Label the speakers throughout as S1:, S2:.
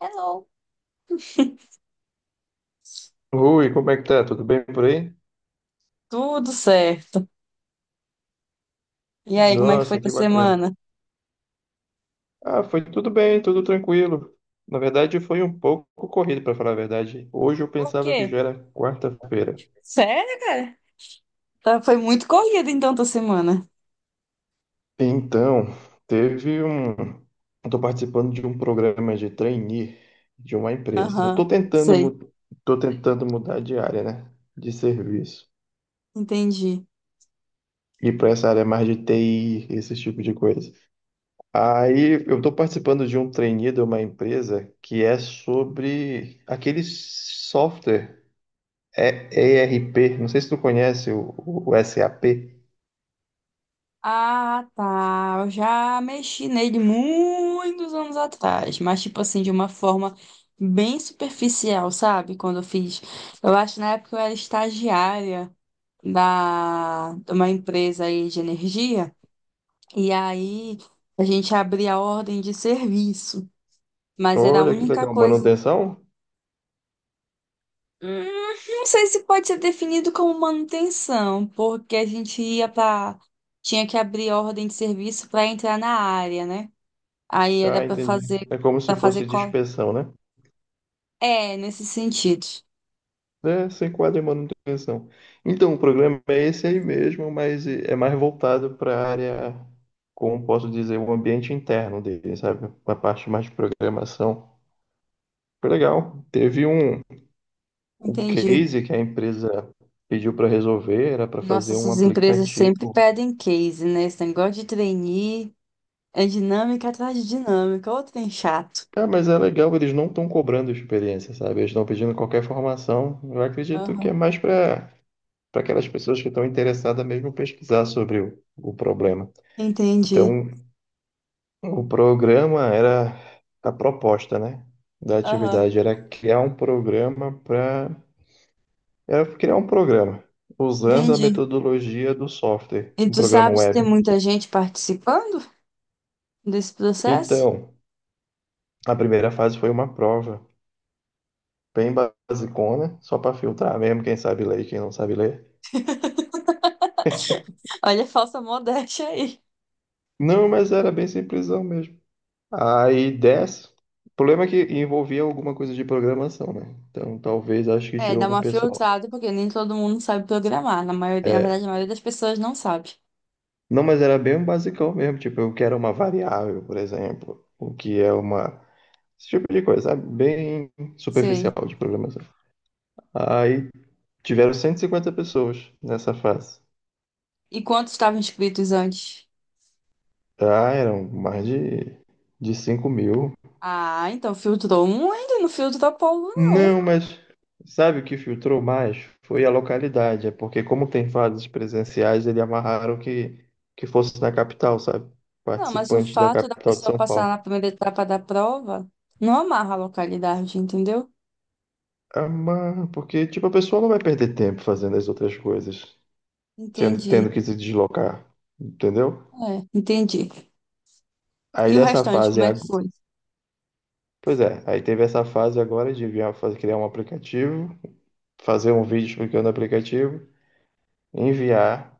S1: Hello.
S2: Oi, como é que tá? Tudo bem por aí?
S1: Tudo certo. E aí, como é que foi
S2: Nossa,
S1: tua
S2: que bacana.
S1: semana?
S2: Ah, foi tudo bem, tudo tranquilo. Na verdade, foi um pouco corrido, para falar a verdade. Hoje eu
S1: Por
S2: pensava que
S1: quê?
S2: já era quarta-feira.
S1: Sério, cara? Tá, foi muito corrida então tua semana.
S2: Então, teve um. Estou participando de um programa de trainee de uma empresa. Eu
S1: Aham,
S2: estou tentando,
S1: sei,
S2: mu- tô tentando mudar de área, né? De serviço.
S1: entendi.
S2: E para essa área mais de TI, esse tipo de coisa. Aí eu estou participando de um trainee de uma empresa que é sobre aquele software é ERP. Não sei se tu conhece o SAP.
S1: Ah, tá. Eu já mexi nele muitos anos atrás, mas tipo assim, de uma forma bem superficial, sabe? Quando eu fiz. Eu acho que na época eu era estagiária da... de uma empresa aí de energia, e aí a gente abria a ordem de serviço, mas era a
S2: Olha que
S1: única
S2: legal,
S1: coisa.
S2: manutenção?
S1: Hum, Não sei se pode ser definido como manutenção, porque a gente ia para. Tinha que abrir ordem de serviço para entrar na área, né? Aí era
S2: Ah, entendi. É como se
S1: para fazer
S2: fosse de
S1: cola.
S2: inspeção, né?
S1: É, nesse sentido.
S2: É, se enquadra em manutenção. Então, o programa é esse aí mesmo, mas é mais voltado para a área, como posso dizer, o ambiente interno dele, sabe? A parte mais de programação. Foi legal. Teve um. O
S1: Entendi.
S2: case que a empresa pediu para resolver era para
S1: Nossa,
S2: fazer um
S1: essas empresas sempre
S2: aplicativo.
S1: pedem case, né? Esse negócio de trainee é dinâmica atrás de dinâmica. Ô, trem chato.
S2: Ah, mas é legal, eles não estão cobrando experiência, sabe? Eles estão pedindo qualquer formação. Eu acredito que
S1: Aham,
S2: é mais para aquelas pessoas que estão interessadas mesmo em pesquisar sobre o problema.
S1: entendi.
S2: Então, o programa era a proposta, né? Da
S1: Aham,
S2: atividade era criar um programa para era criar um programa usando a
S1: entendi.
S2: metodologia do software,
S1: E
S2: um
S1: tu
S2: programa
S1: sabe se tem
S2: web.
S1: muita gente participando desse processo?
S2: Então, a primeira fase foi uma prova bem basicona, só para filtrar mesmo quem sabe ler e quem não sabe ler.
S1: Olha a falsa modéstia aí.
S2: Não, mas era bem simplesão mesmo. Aí desce. O problema é que envolvia alguma coisa de programação, né? Então talvez acho que
S1: É, dá
S2: tirou um
S1: uma
S2: pessoal.
S1: filtrada, porque nem todo mundo sabe programar. Na maioria, na
S2: É,
S1: verdade, a maioria das pessoas não sabe.
S2: não, mas era bem um basicão mesmo, tipo, eu quero uma variável, por exemplo, o que é uma esse tipo de coisa, sabe? Bem superficial
S1: Sei.
S2: de programação. Aí tiveram 150 pessoas nessa fase.
S1: E quantos estavam inscritos antes?
S2: Ah, eram mais de 5.000.
S1: Ah, então filtrou muito, e não filtrou povo, não.
S2: Não, mas sabe o que filtrou mais? Foi a localidade. É porque, como tem fases presenciais, eles amarraram que fosse na capital, sabe?
S1: Não, mas o
S2: Participantes da
S1: fato da
S2: capital de
S1: pessoa
S2: São
S1: passar na
S2: Paulo.
S1: primeira etapa da prova não amarra a localidade, entendeu?
S2: Amarra, porque, tipo, a pessoa não vai perder tempo fazendo as outras coisas,
S1: Entendi.
S2: tendo que se deslocar, entendeu?
S1: É, entendi. E
S2: Aí
S1: o
S2: dessa
S1: restante,
S2: fase,
S1: como é
S2: ag-
S1: que foi?
S2: Pois é, aí teve essa fase agora de enviar, fazer, criar um aplicativo, fazer um vídeo explicando o aplicativo, enviar,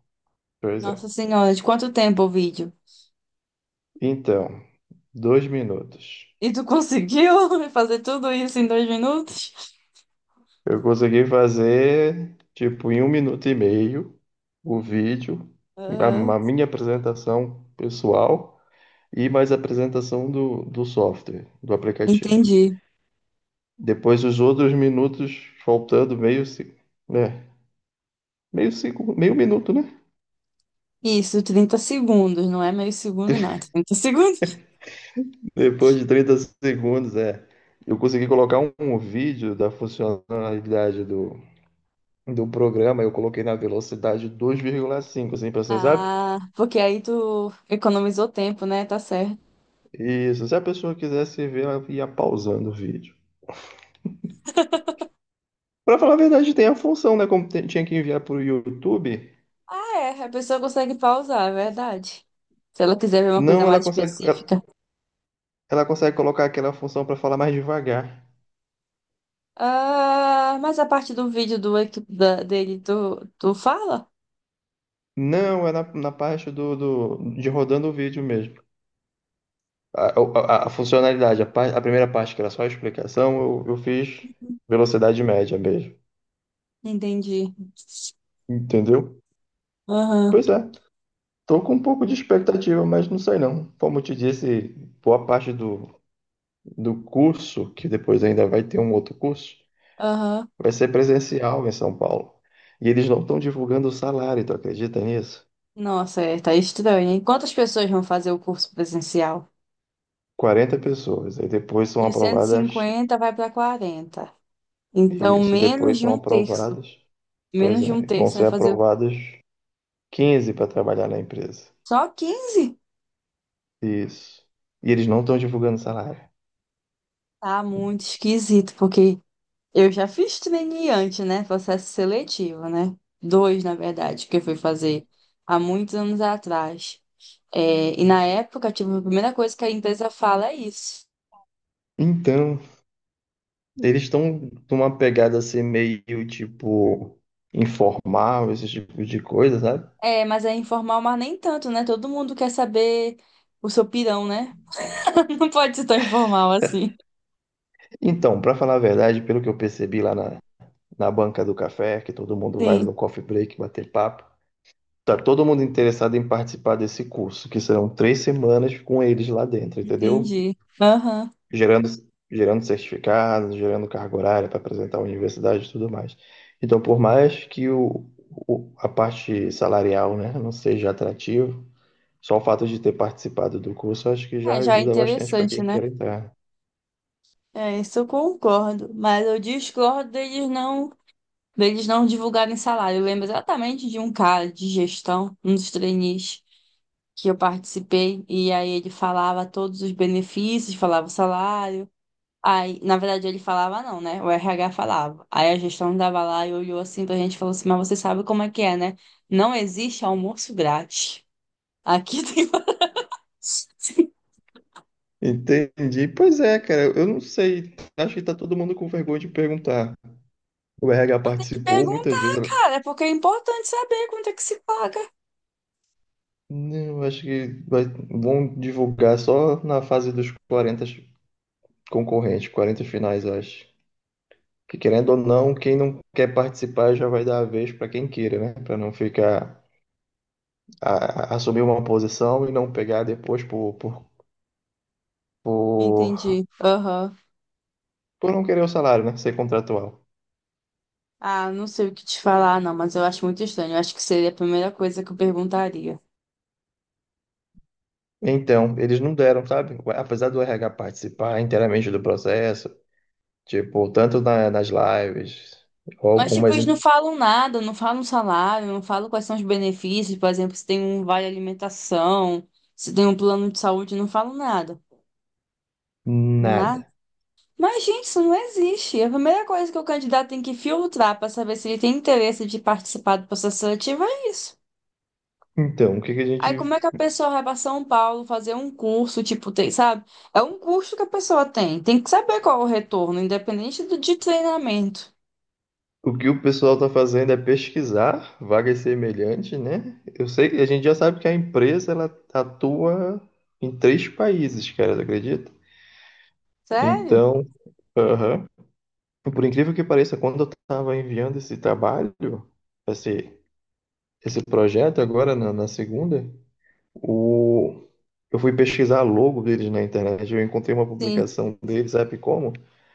S2: pois é.
S1: Nossa Senhora, de quanto tempo o vídeo?
S2: Então, 2 minutos.
S1: E tu conseguiu fazer tudo isso em dois minutos?
S2: Eu consegui fazer, tipo, em 1 minuto e meio, o vídeo, a,
S1: Ah,
S2: a minha apresentação pessoal e mais a apresentação do software, do aplicativo.
S1: entendi.
S2: Depois, os outros minutos, faltando meio, né? Meio, segundo, meio minuto, né?
S1: Isso, 30 segundos, não é meio segundo, não, é 30 segundos.
S2: Depois de 30 segundos, é. Eu consegui colocar um vídeo da funcionalidade do programa, eu coloquei na velocidade 2,5 assim, pra você, sabe?
S1: Ah, porque aí tu economizou tempo, né? Tá certo.
S2: Isso, se a pessoa quisesse ver, ela ia pausando o vídeo. Pra falar a verdade, tem a função, né? Como tinha que enviar pro YouTube,
S1: Ah, é, a pessoa consegue pausar, é verdade. Se ela quiser ver uma coisa
S2: não,
S1: mais específica.
S2: ela consegue colocar aquela função para falar mais devagar.
S1: Ah, mas a parte do vídeo do equi- da- dele, tu, tu fala?
S2: Não, é na parte de rodando o vídeo mesmo. A funcionalidade, a primeira parte, que era só a explicação, eu fiz velocidade média mesmo.
S1: Entendi.
S2: Entendeu?
S1: Aham,
S2: Pois é, tô com um pouco de expectativa, mas não sei não. Como eu te disse, boa parte do curso, que depois ainda vai ter um outro curso,
S1: aham.
S2: vai ser presencial em São Paulo. E eles não estão divulgando o salário, tu acredita nisso?
S1: Nossa, é, tá estranho, hein? Quantas pessoas vão fazer o curso presencial?
S2: 40 pessoas. Aí depois são
S1: E o
S2: aprovadas.
S1: 150 vai para 40. Então,
S2: Isso, depois
S1: menos de
S2: são
S1: um terço.
S2: aprovadas. Pois
S1: Menos de um
S2: é, vão
S1: terço vai
S2: ser
S1: fazer.
S2: aprovadas 15 para trabalhar na empresa.
S1: Só quinze.
S2: Isso. E eles não estão divulgando salário.
S1: Tá muito esquisito, porque eu já fiz antes, né? Processo seletivo, né? Dois, na verdade, que eu fui fazer há muitos anos atrás. É, e na época, tipo, a primeira coisa que a empresa fala é isso.
S2: Então, eles estão numa pegada assim meio tipo informal, esse tipo de coisa, sabe?
S1: É, mas é informal, mas nem tanto, né? Todo mundo quer saber o seu pirão, né? Não pode ser tão informal assim.
S2: Então, para falar a verdade, pelo que eu percebi lá na banca do café, que todo mundo vai
S1: Sim,
S2: no coffee break bater papo. Tá todo mundo interessado em participar desse curso, que serão 3 semanas com eles lá dentro, entendeu?
S1: entendi. Aham.
S2: Gerando, gerando certificados, gerando carga horária para apresentar a universidade e tudo mais. Então, por mais que a parte salarial, né, não seja atrativo, só o fato de ter participado do curso, eu acho que já
S1: É, já é
S2: ajuda bastante para
S1: interessante,
S2: quem
S1: né?
S2: quer entrar.
S1: É, isso eu concordo. Mas eu discordo deles não. deles não divulgarem salário. Eu lembro exatamente de um cara de gestão, um dos trainees que eu participei, e aí ele falava todos os benefícios, falava o salário. Aí, na verdade, ele falava não, né? O RH falava. Aí a gestão dava lá e olhou assim pra gente e falou assim: Mas você sabe como é que é, né? Não existe almoço grátis. Aqui tem. Você
S2: Entendi. Pois é, cara, eu não sei. Acho que tá todo mundo com vergonha de perguntar. O RH
S1: tem que
S2: participou muitas vezes.
S1: perguntar, é porque é importante saber quanto é que se paga.
S2: Não, acho que vão divulgar só na fase dos 40 concorrentes, 40 finais, eu acho. Que querendo ou não, quem não quer participar já vai dar a vez para quem queira, né? Para não ficar assumir uma posição e não pegar depois por,
S1: Entendi. Aham.
S2: por não querer o salário, né? Ser contratual.
S1: Ah, não sei o que te falar, não, mas eu acho muito estranho. Eu acho que seria a primeira coisa que eu perguntaria.
S2: Então, eles não deram, sabe? Apesar do RH participar inteiramente do processo, tipo, tanto nas lives, ou
S1: Mas, tipo,
S2: algumas,
S1: eles não falam nada, não falam salário, não falam quais são os benefícios, por exemplo, se tem um vale alimentação, se tem um plano de saúde, não falam nada. Nada.
S2: nada.
S1: Mas, gente, isso não existe. A primeira coisa que o candidato tem que filtrar para saber se ele tem interesse de participar do processo seletivo é isso.
S2: Então, o que que a gente,
S1: Aí como é que a pessoa vai para São Paulo fazer um curso, tipo, tem, sabe? É um curso que a pessoa tem. Tem que saber qual é o retorno, independente do de treinamento.
S2: o que o pessoal está fazendo é pesquisar vagas semelhantes, né? Eu sei, a gente já sabe que a empresa ela atua em 3 países, cara, tu acredita?
S1: Sério?
S2: Então, aham. Por incrível que pareça, quando eu estava enviando esse trabalho, esse, esse projeto agora na segunda, o, eu fui pesquisar a logo deles na internet, eu encontrei uma
S1: Sim.
S2: publicação deles, sabe como?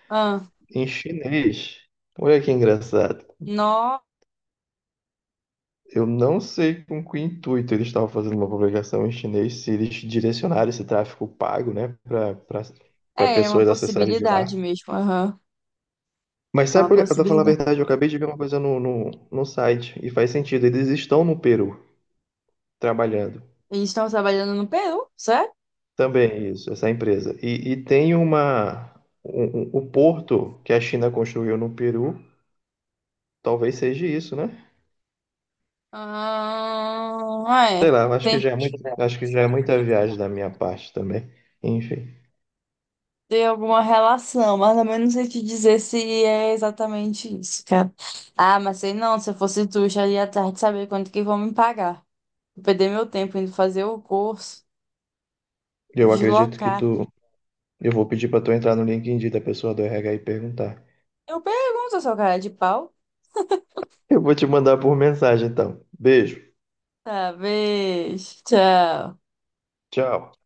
S1: Ah,
S2: Em chinês. Olha que engraçado.
S1: nó.
S2: Eu não sei com que intuito eles estavam fazendo uma publicação em chinês, se eles direcionaram esse tráfego pago, né, para
S1: É, é uma
S2: pessoas acessarem de
S1: possibilidade
S2: lá.
S1: mesmo. Aham.
S2: Mas
S1: É
S2: sabe,
S1: uma
S2: pra falar a
S1: possibilidade.
S2: verdade, eu acabei de ver uma coisa no site, e faz sentido, eles estão no Peru trabalhando.
S1: Eles estão trabalhando no Peru, certo?
S2: Também é isso, essa empresa. E tem uma. Um- um- O porto que a China construiu no Peru, talvez seja isso, né?
S1: Ah,
S2: Sei
S1: é.
S2: lá, eu acho que
S1: Tem que
S2: já é muito, acho que já é muita viagem da minha parte também. Enfim,
S1: ter alguma relação, mas também não sei te dizer se é exatamente isso, cara. Ah, mas sei não, se eu fosse tu, já iria atrás de saber quanto que vão me pagar. Vou perder meu tempo indo fazer o curso,
S2: eu acredito que
S1: deslocar.
S2: tu. Eu vou pedir pra tu entrar no LinkedIn da pessoa do RH e perguntar.
S1: Eu pergunto, seu cara de pau.
S2: Eu vou te mandar por mensagem, então. Beijo.
S1: Talvez tchau.
S2: Tchau.